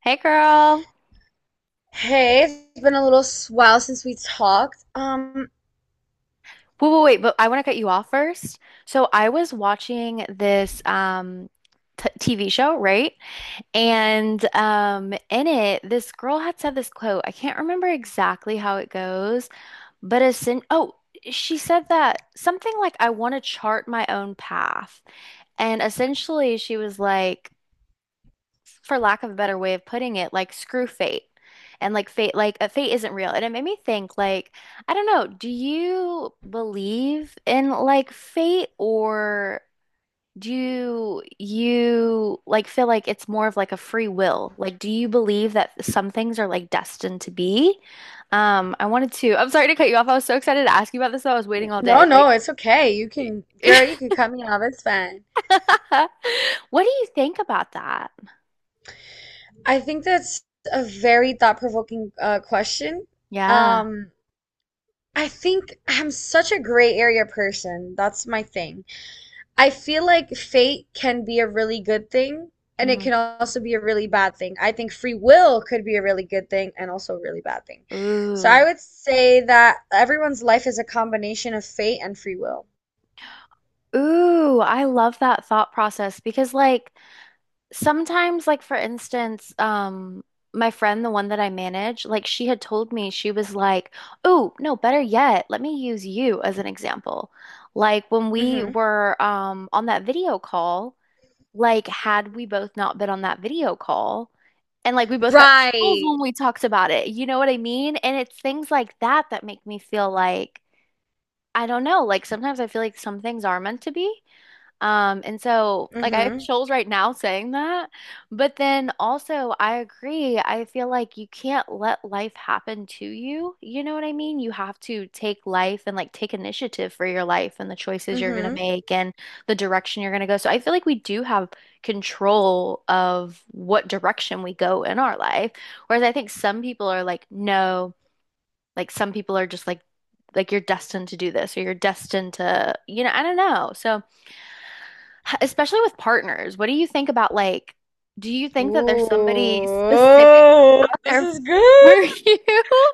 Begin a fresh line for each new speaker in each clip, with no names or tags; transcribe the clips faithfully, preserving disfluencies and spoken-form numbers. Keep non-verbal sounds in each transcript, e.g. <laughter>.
Hey girl.
Hey, it's been a little while since we talked. Um,
Wait, wait, wait, but I want to cut you off first. So I was watching this um t TV show, right? And um in it, this girl had said this quote. I can't remember exactly how it goes, but as in oh, she said that something like I want to chart my own path. And essentially she was like, for lack of a better way of putting it, like screw fate. And like fate, like uh, fate isn't real. And it made me think, like, I don't know, do you believe in like fate or do you like feel like it's more of like a free will? Like, do you believe that some things are like destined to be? Um, I wanted to, I'm sorry to cut you off. I was so excited to ask you about this though. I was waiting all
no,
day.
no,
Like,
it's okay. You can, girl, you can
<laughs>
cut me off. It's fine.
what do you think about that?
I think that's a very thought-provoking uh, question.
Yeah.
Um, I think I'm such a gray area person. That's my thing. I feel like fate can be a really good thing, and it
Mhm.
can also be a really bad thing. I think free will could be a really good thing and also a really bad thing. So I
Ooh.
would say that everyone's life is a combination of fate and free will.
Ooh, I love that thought process because like sometimes, like for instance, um my friend, the one that I manage, like she had told me she was like, "Oh, no, better yet, let me use you as an example." Like when we
hmm
were um on that video call, like had we both not been on that video call, and like we both got chills
Right.
when we talked about it. You know what I mean? And it's things like that that make me feel like, I don't know, like sometimes I feel like some things are meant to be. Um, and so like I have
Mm-hmm.
chills right now saying that, but then also I agree. I feel like you can't let life happen to you. You know what I mean? You have to take life and like take initiative for your life and the choices you're gonna
Mm-hmm.
make and the direction you're gonna go. So I feel like we do have control of what direction we go in our life. Whereas I think some people are like, no, like some people are just like like you're destined to do this or you're destined to, you know, I don't know. So especially with partners. What do you think about, like, do you think that there's somebody specifically
Ooh,
out
this
there
is
for <laughs>
good.
you? <laughs>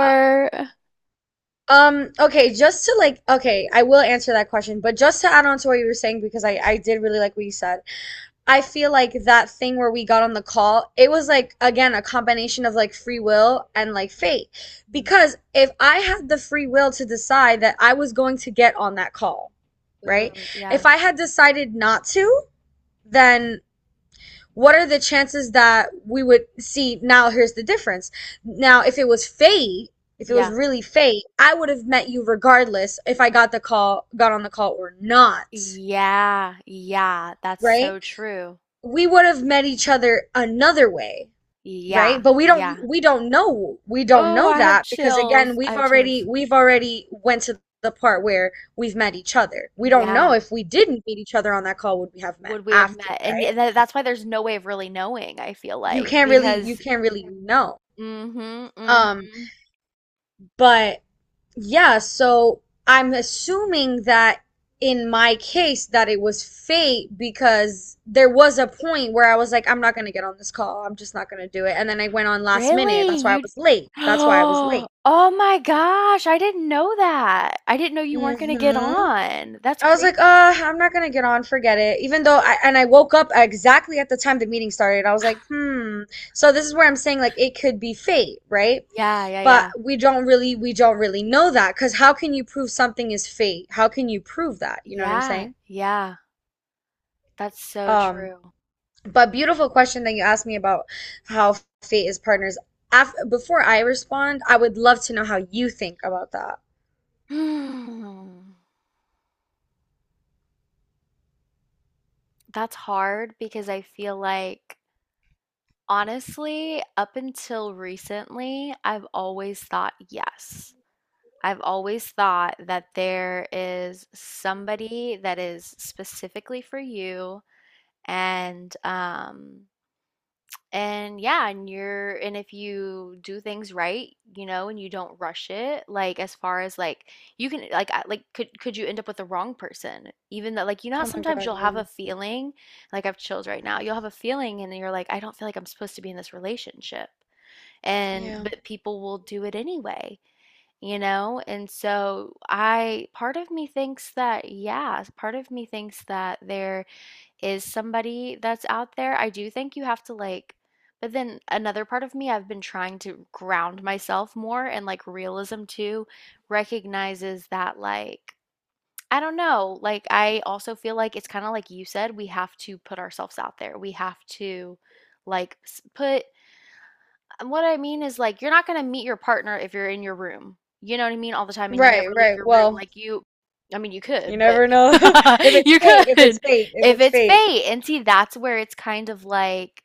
Uh, Um, okay, just to like, okay, I will answer that question, but just to add on to what you were saying, because I, I did really like what you said. I feel like that thing where we got on the call, it was like, again, a combination of like free will and like fate.
Mm.
Because if I had the free will to decide that I was going to get on that call, right?
Ooh, yeah,
If I had decided not to, then what are the chances that we would see? Now here's the difference. Now if it was fate, if it was
yeah,
really fate, I would have met you regardless if I got the call, got on the call or not.
yeah, yeah. That's
Right,
so true.
we would have met each other another way.
Yeah,
Right, but we don't
yeah.
we don't know. We don't
Oh,
know
I have
that, because again,
chills. I
we've
have
already
chills.
we've already went to the part where we've met each other. We don't know
Yeah.
if we didn't meet each other on that call, would we have met
Would we have
after,
met? And y-
right?
tha- that's why there's no way of really knowing, I feel
You
like,
can't really, you
because
can't really know.
mm-hmm,
um
mm-hmm.
But yeah, so I'm assuming that in my case that it was fate, because there was a point where I was like, I'm not gonna get on this call. I'm just not gonna do it. And then I went on last minute.
Really?
That's why I
You
was late.
<gasps>
That's why I was
Oh,
late.
oh my gosh, I didn't know that. I didn't know you weren't gonna get
hmm
on. That's
I was like, uh,
crazy.
I'm not gonna get on, forget it. Even though I, and I woke up exactly at the time the meeting started. I was like, hmm. So this is where I'm saying like it could be fate, right?
Yeah, yeah,
But
yeah.
we don't really we don't really know that, because how can you prove something is fate? How can you prove that? You know what I'm
Yeah,
saying?
yeah. That's so
Um,
true. <sighs>
but beautiful question that you asked me about how fate is partners. Af Before I respond, I would love to know how you think about that.
Hmm. That's hard because I feel like, honestly, up until recently, I've always thought yes. I've always thought that there is somebody that is specifically for you and um and yeah, and you're, and if you do things right, you know, and you don't rush it, like as far as like you can, like, I- like could could you end up with the wrong person? Even though, like, you know how
Oh my
sometimes
God,
you'll
yeah.
have a feeling, like I have chills right now, you'll have a feeling, and then you're like, I don't feel like I'm supposed to be in this relationship, and
Yeah.
but people will do it anyway, you know. And so I, part of me thinks that, yeah, part of me thinks that they're is somebody that's out there. I do think you have to like, but then another part of me, I've been trying to ground myself more and like realism too recognizes that, like, I don't know, like I also feel like it's kind of like you said, we have to put ourselves out there. We have to like s- put and what I mean is, like, you're not gonna meet your partner if you're in your room. You know what I mean? All the time, and you
Right,
never leave
right.
your room.
Well,
Like, you, I mean, you
you
could, but
never know <laughs> if
<laughs>
it's
you
fate, if it's
could
fate, if
if
it's
it's
fate.
fate. And see, that's where it's kind of like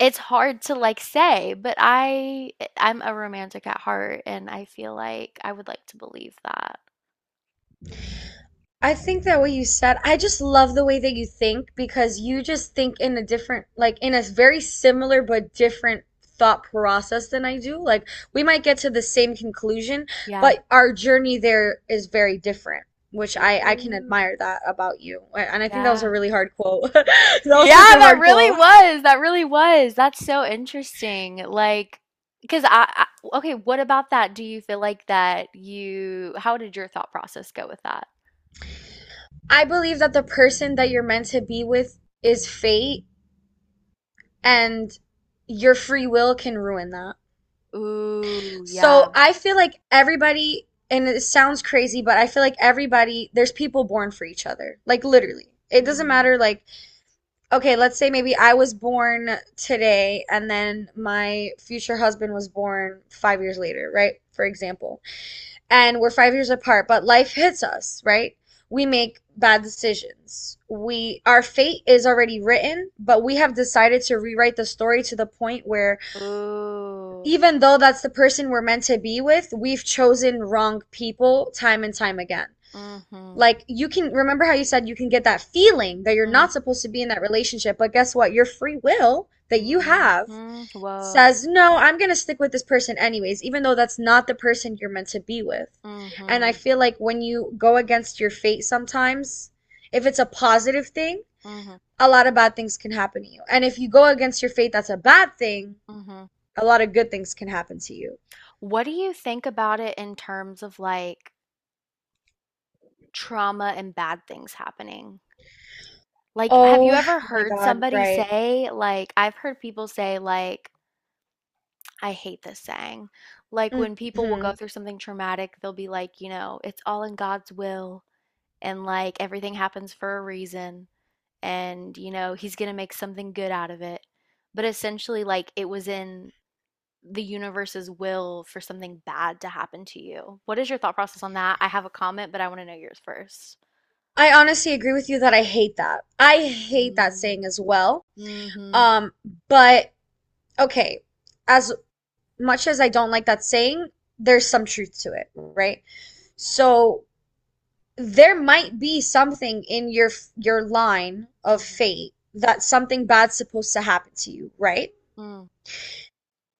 it's hard to like say, but I eh, I'm a romantic at heart, and I feel like I would like to believe that.
I think that what you said, I just love the way that you think, because you just think in a different, like in a very similar but different thought process than I do. Like we might get to the same conclusion,
Yeah.
but our journey there is very different, which I I can
Ooh,
admire that about you. And I think that was
yeah.
a really hard quote. <laughs> That
Yeah,
was such a
that
hard quote.
really was. That really was. That's so interesting. Like, because I, I, okay, what about that? Do you feel like that you, how did your thought process go with that?
I believe that the person that you're meant to be with is fate, and your free will can ruin that.
Ooh,
So
yeah.
I feel like everybody, and it sounds crazy, but I feel like everybody, there's people born for each other. Like literally. It doesn't
Mm.
matter, like, okay, let's say maybe I was born today, and then my future husband was born five years later, right? For example. And we're five years apart, but life hits us, right? We make bad decisions. We, our fate is already written, but we have decided to rewrite the story to the point where,
Ooh.
even though that's the person we're meant to be with, we've chosen wrong people time and time again.
Mm-hmm.
Like, you can remember how you said you can get that feeling that you're not supposed to be in that relationship, but guess what? Your free will that you have
Mm-hmm. Whoa.
says, "No, I'm going to stick with this person anyways, even though that's not the person you're meant to be with." And I
Mm-hmm.
feel like when you go against your fate sometimes, if it's a positive thing,
Mm-hmm.
a lot of bad things can happen to you. And if you go against your fate, that's a bad thing,
Mm-hmm.
a lot of good things can happen to you.
What do you think about it in terms of like trauma and bad things happening? Like, have you
Oh
ever
my
heard
God,
somebody
right.
say, like, I've heard people say, like, I hate this saying. Like, when people will go
hmm
through something traumatic, they'll be like, you know, it's all in God's will, and like everything happens for a reason, and you know, he's gonna make something good out of it. But essentially, like, it was in the universe's will for something bad to happen to you. What is your thought process on that? I have a comment, but I want to know yours first.
I honestly agree with you that I hate that. I hate that
Mm-hmm.
saying as well.
Mm-hmm.
Um, but okay, as much as I don't like that saying, there's some truth to it, right? So there might be something in your your line of fate, that something bad's supposed to happen to you, right?
Mm-hmm.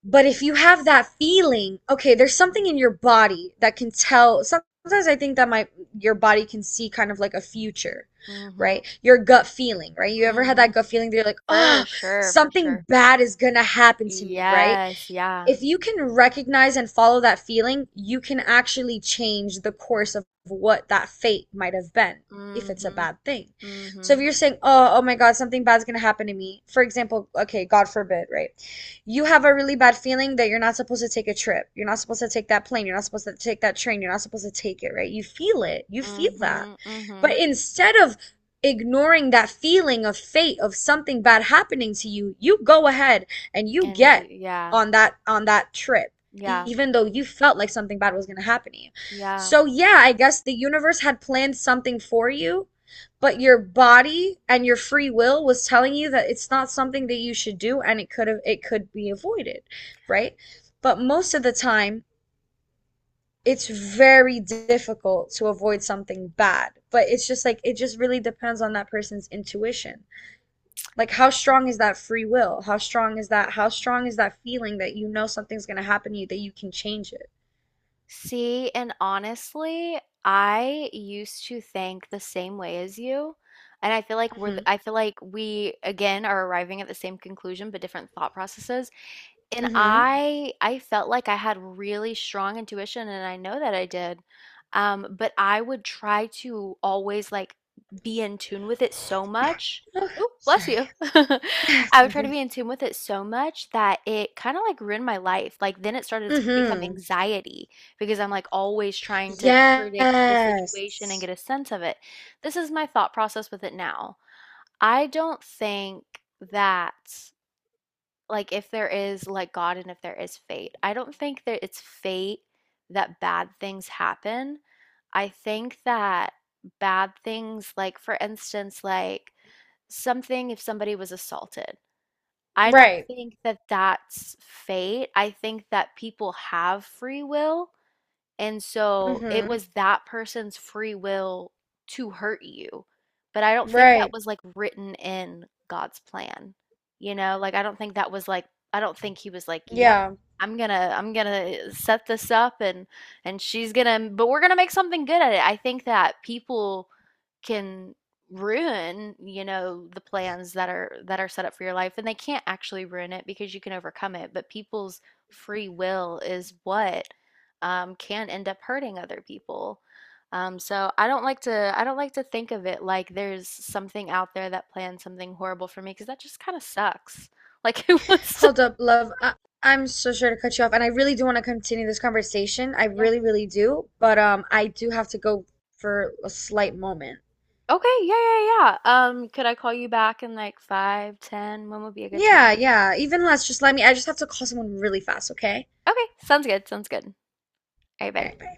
But if you have that feeling, okay, there's something in your body that can tell. Sometimes I think that my your body can see kind of like a future, right? Your gut feeling, right? You ever had
Mm-hmm.
that gut feeling that you're like,
For
oh,
sure, for
something
sure.
bad is gonna happen to me, right?
Yes, yeah.
If you can recognize and follow that feeling, you can actually change the course of what that fate might have been if it's a
Mm-hmm.
bad thing. So if
Mm-hmm.
you're saying, "Oh, oh my God, something bad's gonna happen to me," for example, okay, God forbid, right? You have a really bad feeling that you're not supposed to take a trip. You're not supposed to take that plane. You're not supposed to take that train. You're not supposed to take it, right? You feel it. You feel that.
Mm-hmm. Mm-hmm.
But instead of ignoring that feeling of fate of something bad happening to you, you go ahead and you
And
get
yeah,
on that on that trip,
yeah,
even though you felt like something bad was going to happen to you.
yeah.
So yeah, I guess the universe had planned something for you, but your body and your free will was telling you that it's not something that you should do, and it could have it could be avoided, right? But most of the time, it's very difficult to avoid something bad. But it's just like, it just really depends on that person's intuition, like how strong is that free will, how strong is that how strong is that feeling that you know something's going to happen to you that you can change it.
See, and honestly, I used to think the same way as you. And I feel like we're, th-
Mm-hmm.
I feel like we again are arriving at the same conclusion, but different thought processes. And
Mm-hmm.
I I felt like I had really strong intuition, and I know that I did. Um, but I would try to always like be in tune with it so much.
Oh,
Oh, bless
sorry.
you. <laughs>
<laughs> <sighs>
I would
Thank
try to
you.
be in tune with it so much that it kind of like ruined my life. Like then it started to become
Mm-hmm.
anxiety because I'm like always trying to predict the
Yes.
situation and get a sense of it. This is my thought process with it now. I don't think that, like if there is like God and if there is fate. I don't think that it's fate that bad things happen. I think that bad things, like for instance, like something if somebody was assaulted, I don't
Right.
think that that's fate. I think that people have free will and so it
Mm-hmm.
was that person's free will to hurt you. But I don't think that
Right.
was like written in God's plan. You know, like I don't think that was like I don't think he was like, "Yep,
Yeah.
I'm gonna I'm gonna set this up and and she's gonna but we're gonna make something good at it." I think that people can ruin, you know, the plans that are that are set up for your life and they can't actually ruin it because you can overcome it, but people's free will is what um, can end up hurting other people. Um, so I don't like to I don't like to think of it like there's something out there that plans something horrible for me because that just kind of sucks. Like <laughs> who wants to?
Hold up, love, I, I'm so sure to cut you off, and I really do want to continue this conversation, I
Yeah.
really really do, but um I do have to go for a slight moment.
Okay, yeah, yeah, yeah. Um, could I call you back in like five, ten? When would be a good
Yeah,
time?
yeah, even less. Just let me, I just have to call someone really fast, okay?
Okay, sounds good. Sounds good. All right,
All
bye.
right, bye.